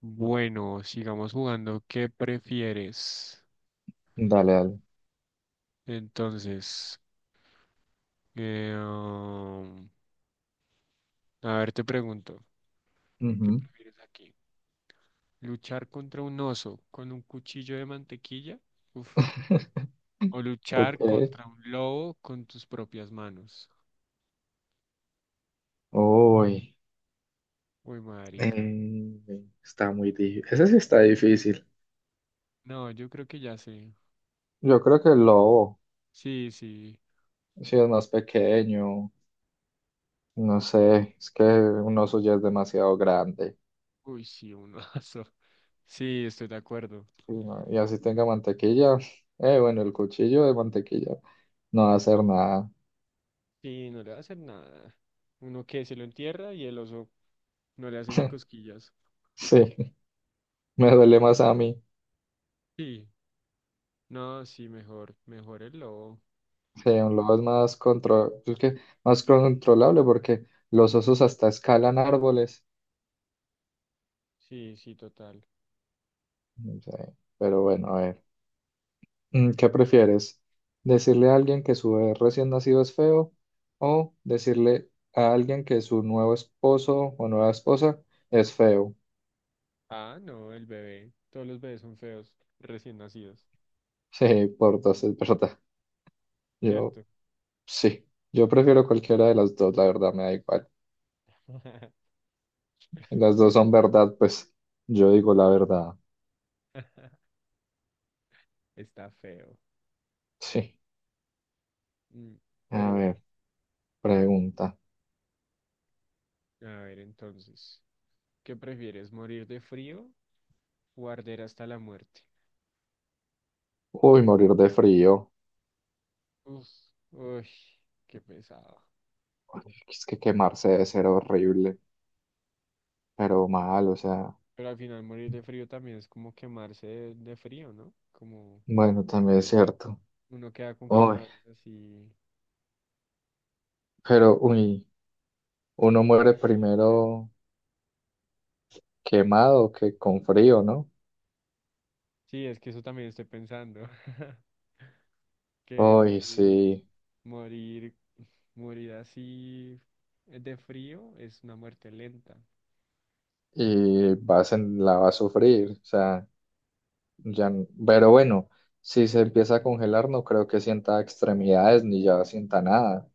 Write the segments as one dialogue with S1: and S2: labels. S1: Bueno, sigamos jugando. ¿Qué prefieres?
S2: Dale, dale.
S1: Entonces, eh, um, a ver, te pregunto, ¿qué
S2: Ujú.
S1: prefieres aquí? ¿Luchar contra un oso con un cuchillo de mantequilla? Uf. ¿O luchar
S2: Ok.
S1: contra un lobo con tus propias manos?
S2: Uy.
S1: Uy, marica.
S2: Está muy difícil. Ese sí está difícil.
S1: No, yo creo que ya sé.
S2: Yo creo que el lobo,
S1: Sí, sí.
S2: si es más pequeño, no sé, es que un oso ya es demasiado grande.
S1: Uy, sí, un oso. Sí, estoy de acuerdo.
S2: Y, no- y así tenga mantequilla, bueno, el cuchillo de mantequilla no va a hacer nada.
S1: Sí, no le va a hacer nada. Uno que se lo entierra y el oso no le hace ni cosquillas.
S2: Sí, me duele más a mí.
S1: Sí, no, sí, mejor, mejor el lobo.
S2: Sí, un lobo es más, es que más controlable porque los osos hasta escalan árboles.
S1: Sí, sí, total.
S2: Sí, pero bueno, a ver, ¿qué prefieres? ¿Decirle a alguien que su bebé recién nacido es feo o decirle a alguien que su nuevo esposo o nueva esposa es feo?
S1: Ah, no, el bebé. Todos los bebés son feos, recién nacidos,
S2: Sí, por dos, es verdad. Yo,
S1: ¿cierto?
S2: sí, yo prefiero cualquiera de las dos, la verdad, me da igual. Las
S1: Su
S2: dos son
S1: esposo
S2: verdad, pues yo digo la verdad.
S1: está feo.
S2: Sí,
S1: Mm, pero
S2: a
S1: bueno,
S2: ver, pregunta.
S1: a ver entonces, ¿qué prefieres, morir de frío o arder hasta la muerte?
S2: Uy, morir de frío.
S1: Uf, uy, qué pesado.
S2: Ay, es que quemarse debe ser horrible, pero mal, o sea,
S1: Pero al final morir de frío también es como quemarse de frío, ¿no? Como
S2: bueno, también es cierto.
S1: uno queda con
S2: Uy,
S1: quemaduras así.
S2: pero uy, uno muere primero quemado que con frío, ¿no?
S1: Sí, es que eso también estoy pensando, que
S2: Uy,
S1: morir,
S2: sí,
S1: morir, morir así de frío es una muerte lenta.
S2: y vas la va a sufrir, o sea, ya, pero bueno, si se empieza a congelar, no creo que sienta extremidades ni ya sienta nada.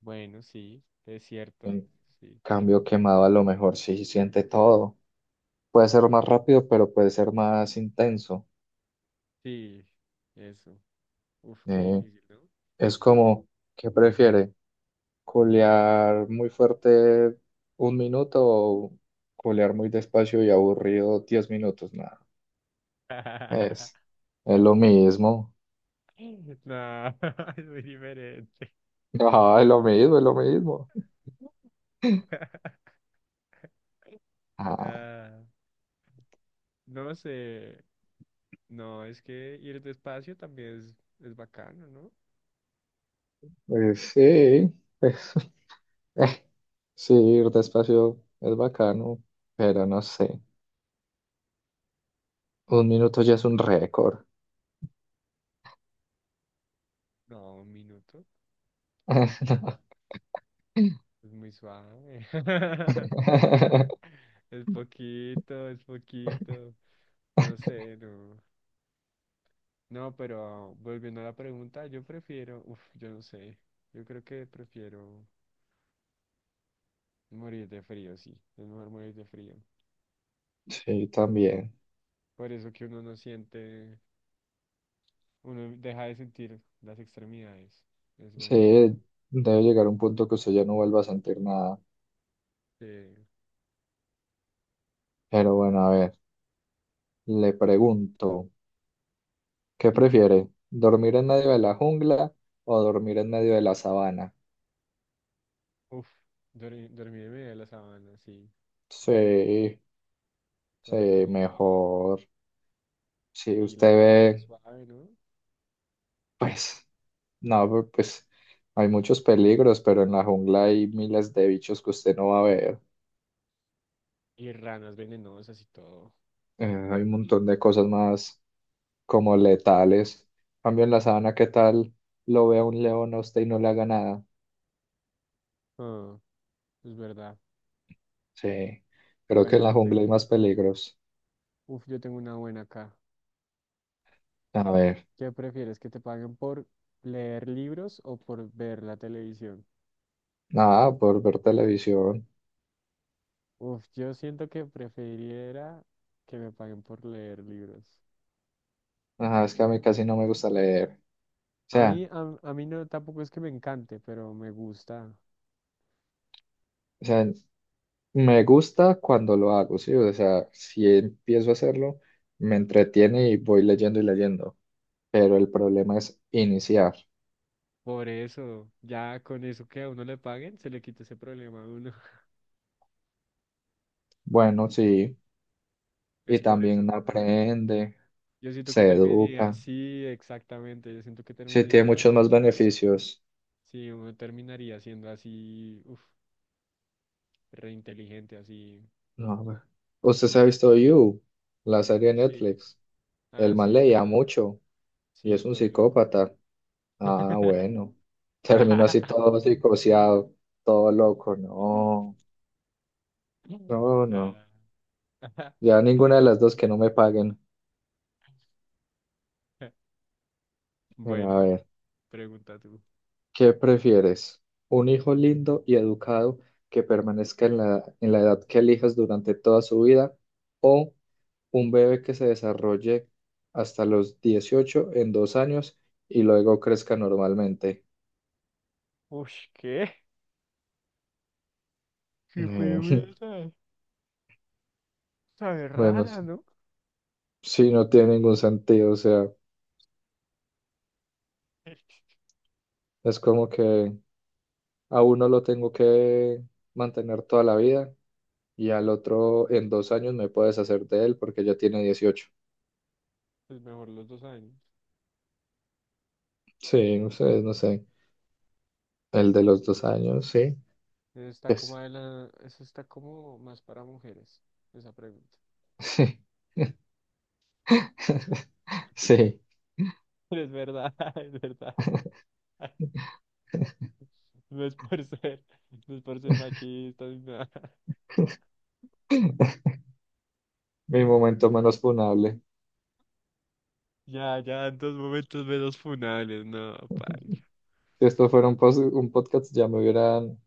S1: Bueno, sí, es cierto,
S2: En
S1: sí,
S2: cambio, quemado a lo mejor sí siente todo. Puede ser más rápido, pero puede ser más intenso.
S1: sí, eso. Uf, qué
S2: Eh,
S1: difícil, ¿no?
S2: es como, ¿qué prefiere? Colear muy fuerte un minuto o colear muy despacio y aburrido 10 minutos, nada. Es, es lo mismo.
S1: No, es muy diferente.
S2: Ah, es lo mismo, es lo mismo. Ah,
S1: Ah, no sé, no, es que ir despacio también es bacano, ¿no?
S2: pues sí, pues, eh, sí, ir despacio es bacano, pero no sé. Un minuto ya es un récord.
S1: No, un minuto, es muy suave. Es poquito, es poquito. No sé, no. No, pero volviendo a la pregunta, yo prefiero, uf, yo no sé. Yo creo que prefiero morir de frío, sí. Es mejor morir de frío.
S2: Sí, también.
S1: Por eso que uno no siente, uno deja de sentir las extremidades. Es
S2: Sí,
S1: buen punto.
S2: debe llegar un punto que usted ya no vuelva a sentir nada.
S1: Eh,
S2: Pero bueno, a ver, le pregunto. ¿Qué prefiere? ¿Dormir en medio de la jungla o dormir en medio de la sabana?
S1: uf, dormir, dormir en medio de la sabana, sí,
S2: Sí, sí,
S1: toda la vida.
S2: mejor. Si
S1: Y la
S2: usted
S1: sabana es
S2: ve,
S1: suave, ¿no?
S2: pues, no, pero, pues hay muchos peligros, pero en la jungla hay miles de bichos que usted no va a ver.
S1: Y ranas venenosas y todo.
S2: Eh, hay un montón de cosas más como letales. En cambio en la sabana, ¿qué tal? Lo vea un león a usted y no le haga nada.
S1: Ah, es verdad.
S2: Sí, creo que
S1: Bueno,
S2: en la
S1: yo te
S2: jungla hay más peligros.
S1: uf, yo tengo una buena acá.
S2: A ver,
S1: ¿Qué prefieres, que te paguen por leer libros o por ver la televisión?
S2: nada, por ver televisión.
S1: Uf, yo siento que preferiría que me paguen por leer libros.
S2: Ajá, es que a mí casi no me gusta leer. O
S1: A
S2: sea,
S1: mí, a mí no, tampoco es que me encante, pero me gusta.
S2: o sea, me gusta cuando lo hago, sí. O sea, si empiezo a hacerlo, me entretiene y voy leyendo y leyendo. Pero el problema es iniciar.
S1: Por eso, ya con eso que a uno le paguen, se le quita ese problema a uno.
S2: Bueno, sí.
S1: Es
S2: Y
S1: por eso.
S2: también aprende,
S1: Yo siento que
S2: se
S1: terminaría,
S2: educa.
S1: sí, exactamente, yo siento que
S2: Sí, tiene
S1: terminaría
S2: muchos
S1: así.
S2: más beneficios.
S1: Sí, uno terminaría siendo así, uf, reinteligente, así.
S2: No, a ver. Usted se ha visto You, la serie de
S1: Sí.
S2: Netflix.
S1: Ah,
S2: El man
S1: sí, ese
S2: leía
S1: man.
S2: mucho y
S1: Sí,
S2: es un
S1: todo loco.
S2: psicópata. Ah, bueno. Terminó así todo psicoseado, todo loco. No, no, no.
S1: Nah.
S2: Ya ninguna de las dos que no me paguen. Mira,
S1: Bueno,
S2: a ver,
S1: pregunta tú.
S2: ¿qué prefieres? ¿Un hijo lindo y educado que permanezca en la edad que elijas durante toda su vida? ¿O un bebé que se desarrolle hasta los 18 en 2 años y luego crezca normalmente?
S1: Ush, ¿qué? Qué
S2: Eh,
S1: pregunta sabe
S2: Bueno, sí,
S1: rara, ¿no?
S2: sí, no tiene ningún sentido. O sea, es como que... A uno lo tengo que mantener toda la vida y al otro en 2 años me puedes hacer de él porque ya tiene 18.
S1: Pues mejor los 2 años.
S2: Sí, no sé no sé. El de los 2 años, sí.
S1: Eso está como
S2: Pues,
S1: de la... Eso está como más para mujeres, esa pregunta.
S2: sí, sí.
S1: Es verdad, es verdad. No es por ser, no es por ser machista ni nada.
S2: Mi momento menos funable.
S1: Ya, ya, en dos momentos menos funables, no, paila.
S2: Si esto fuera un podcast, ya me hubieran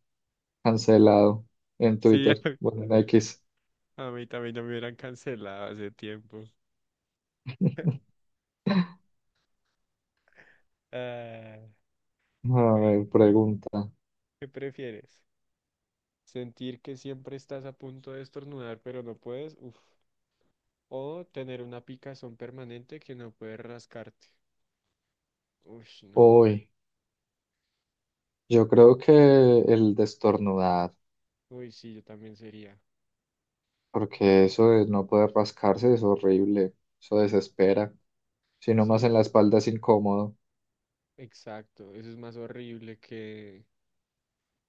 S2: cancelado en
S1: Sí,
S2: Twitter. Bueno, en X.
S1: a mí también ya me hubieran cancelado hace tiempo. Ah,
S2: A
S1: bueno,
S2: ver, pregunta.
S1: ¿qué prefieres? ¿Sentir que siempre estás a punto de estornudar pero no puedes? Uf. ¿O tener una picazón permanente que no puedes rascarte? Uy, no.
S2: Uy, yo creo que el de estornudar,
S1: Uy, sí, yo también sería.
S2: porque eso de no poder rascarse es horrible. Eso desespera. Sino
S1: Sí,
S2: más en la
S1: es
S2: espalda es incómodo.
S1: exacto. Eso es más horrible que,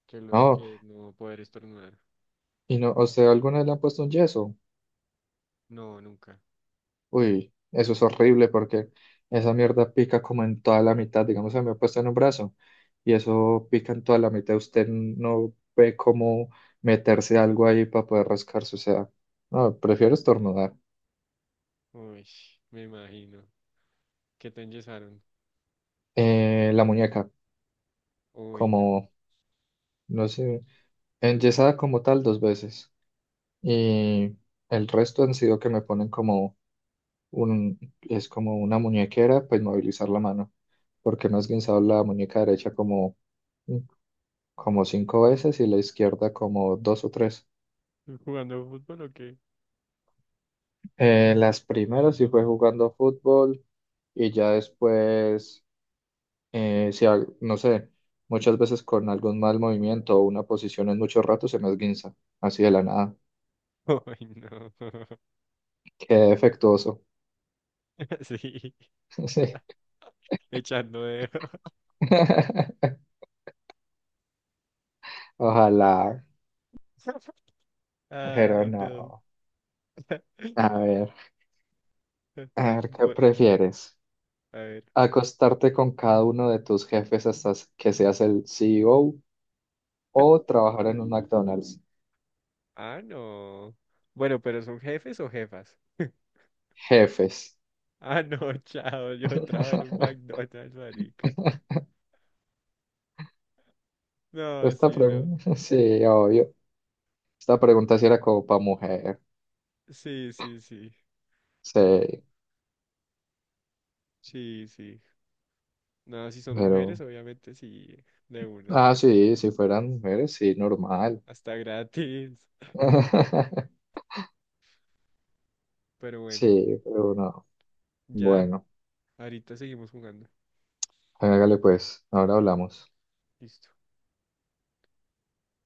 S1: que, lo,
S2: No,
S1: que no poder estornudar.
S2: y no, ¿a usted alguna vez le han puesto un yeso?
S1: No, nunca.
S2: Uy, eso es horrible porque esa mierda pica como en toda la mitad, digamos, se me ha puesto en un brazo y eso pica en toda la mitad. Usted no ve cómo meterse algo ahí para poder rascarse, o sea, no, prefiero estornudar.
S1: Uy, me imagino. ¿Qué te enyesaron?
S2: La muñeca,
S1: Uy, no.
S2: como, no sé, enyesada como tal 2 veces y el resto han sido que me ponen como es como una muñequera, pues movilizar la mano, porque me has guinzado la muñeca derecha como 5 veces y la izquierda como 2 o 3.
S1: ¿Jugando fútbol o qué?
S2: Las primeras sí fue jugando fútbol y ya después, si no sé, muchas veces con algún mal movimiento o una posición en mucho rato se me esguinza, así de la nada.
S1: Uy, no.
S2: Qué defectuoso.
S1: Sí,
S2: Sí.
S1: echando dedo.
S2: Ojalá, pero
S1: Ay, no.
S2: no. A ver, a ver, ¿qué
S1: Bueno,
S2: prefieres?
S1: a ver.
S2: Acostarte con cada uno de tus jefes hasta que seas el CEO o trabajar en un McDonald's.
S1: Ah, no. Bueno, pero ¿son jefes o jefas?
S2: Jefes.
S1: Ah, no, chao, yo trabajo en un McDonald's, marica. No,
S2: Esta
S1: sí, no.
S2: pregunta, sí, obvio. Esta pregunta sí era como para mujer.
S1: Sí, sí, sí.
S2: Sí,
S1: Sí, sí. No, si son mujeres,
S2: pero.
S1: obviamente sí, de una.
S2: Ah, sí, si fueran mujeres, sí, normal.
S1: Hasta gratis. Pero bueno,
S2: Sí, pero no.
S1: ya,
S2: Bueno,
S1: ahorita seguimos jugando.
S2: hágale pues, ahora hablamos.
S1: Listo.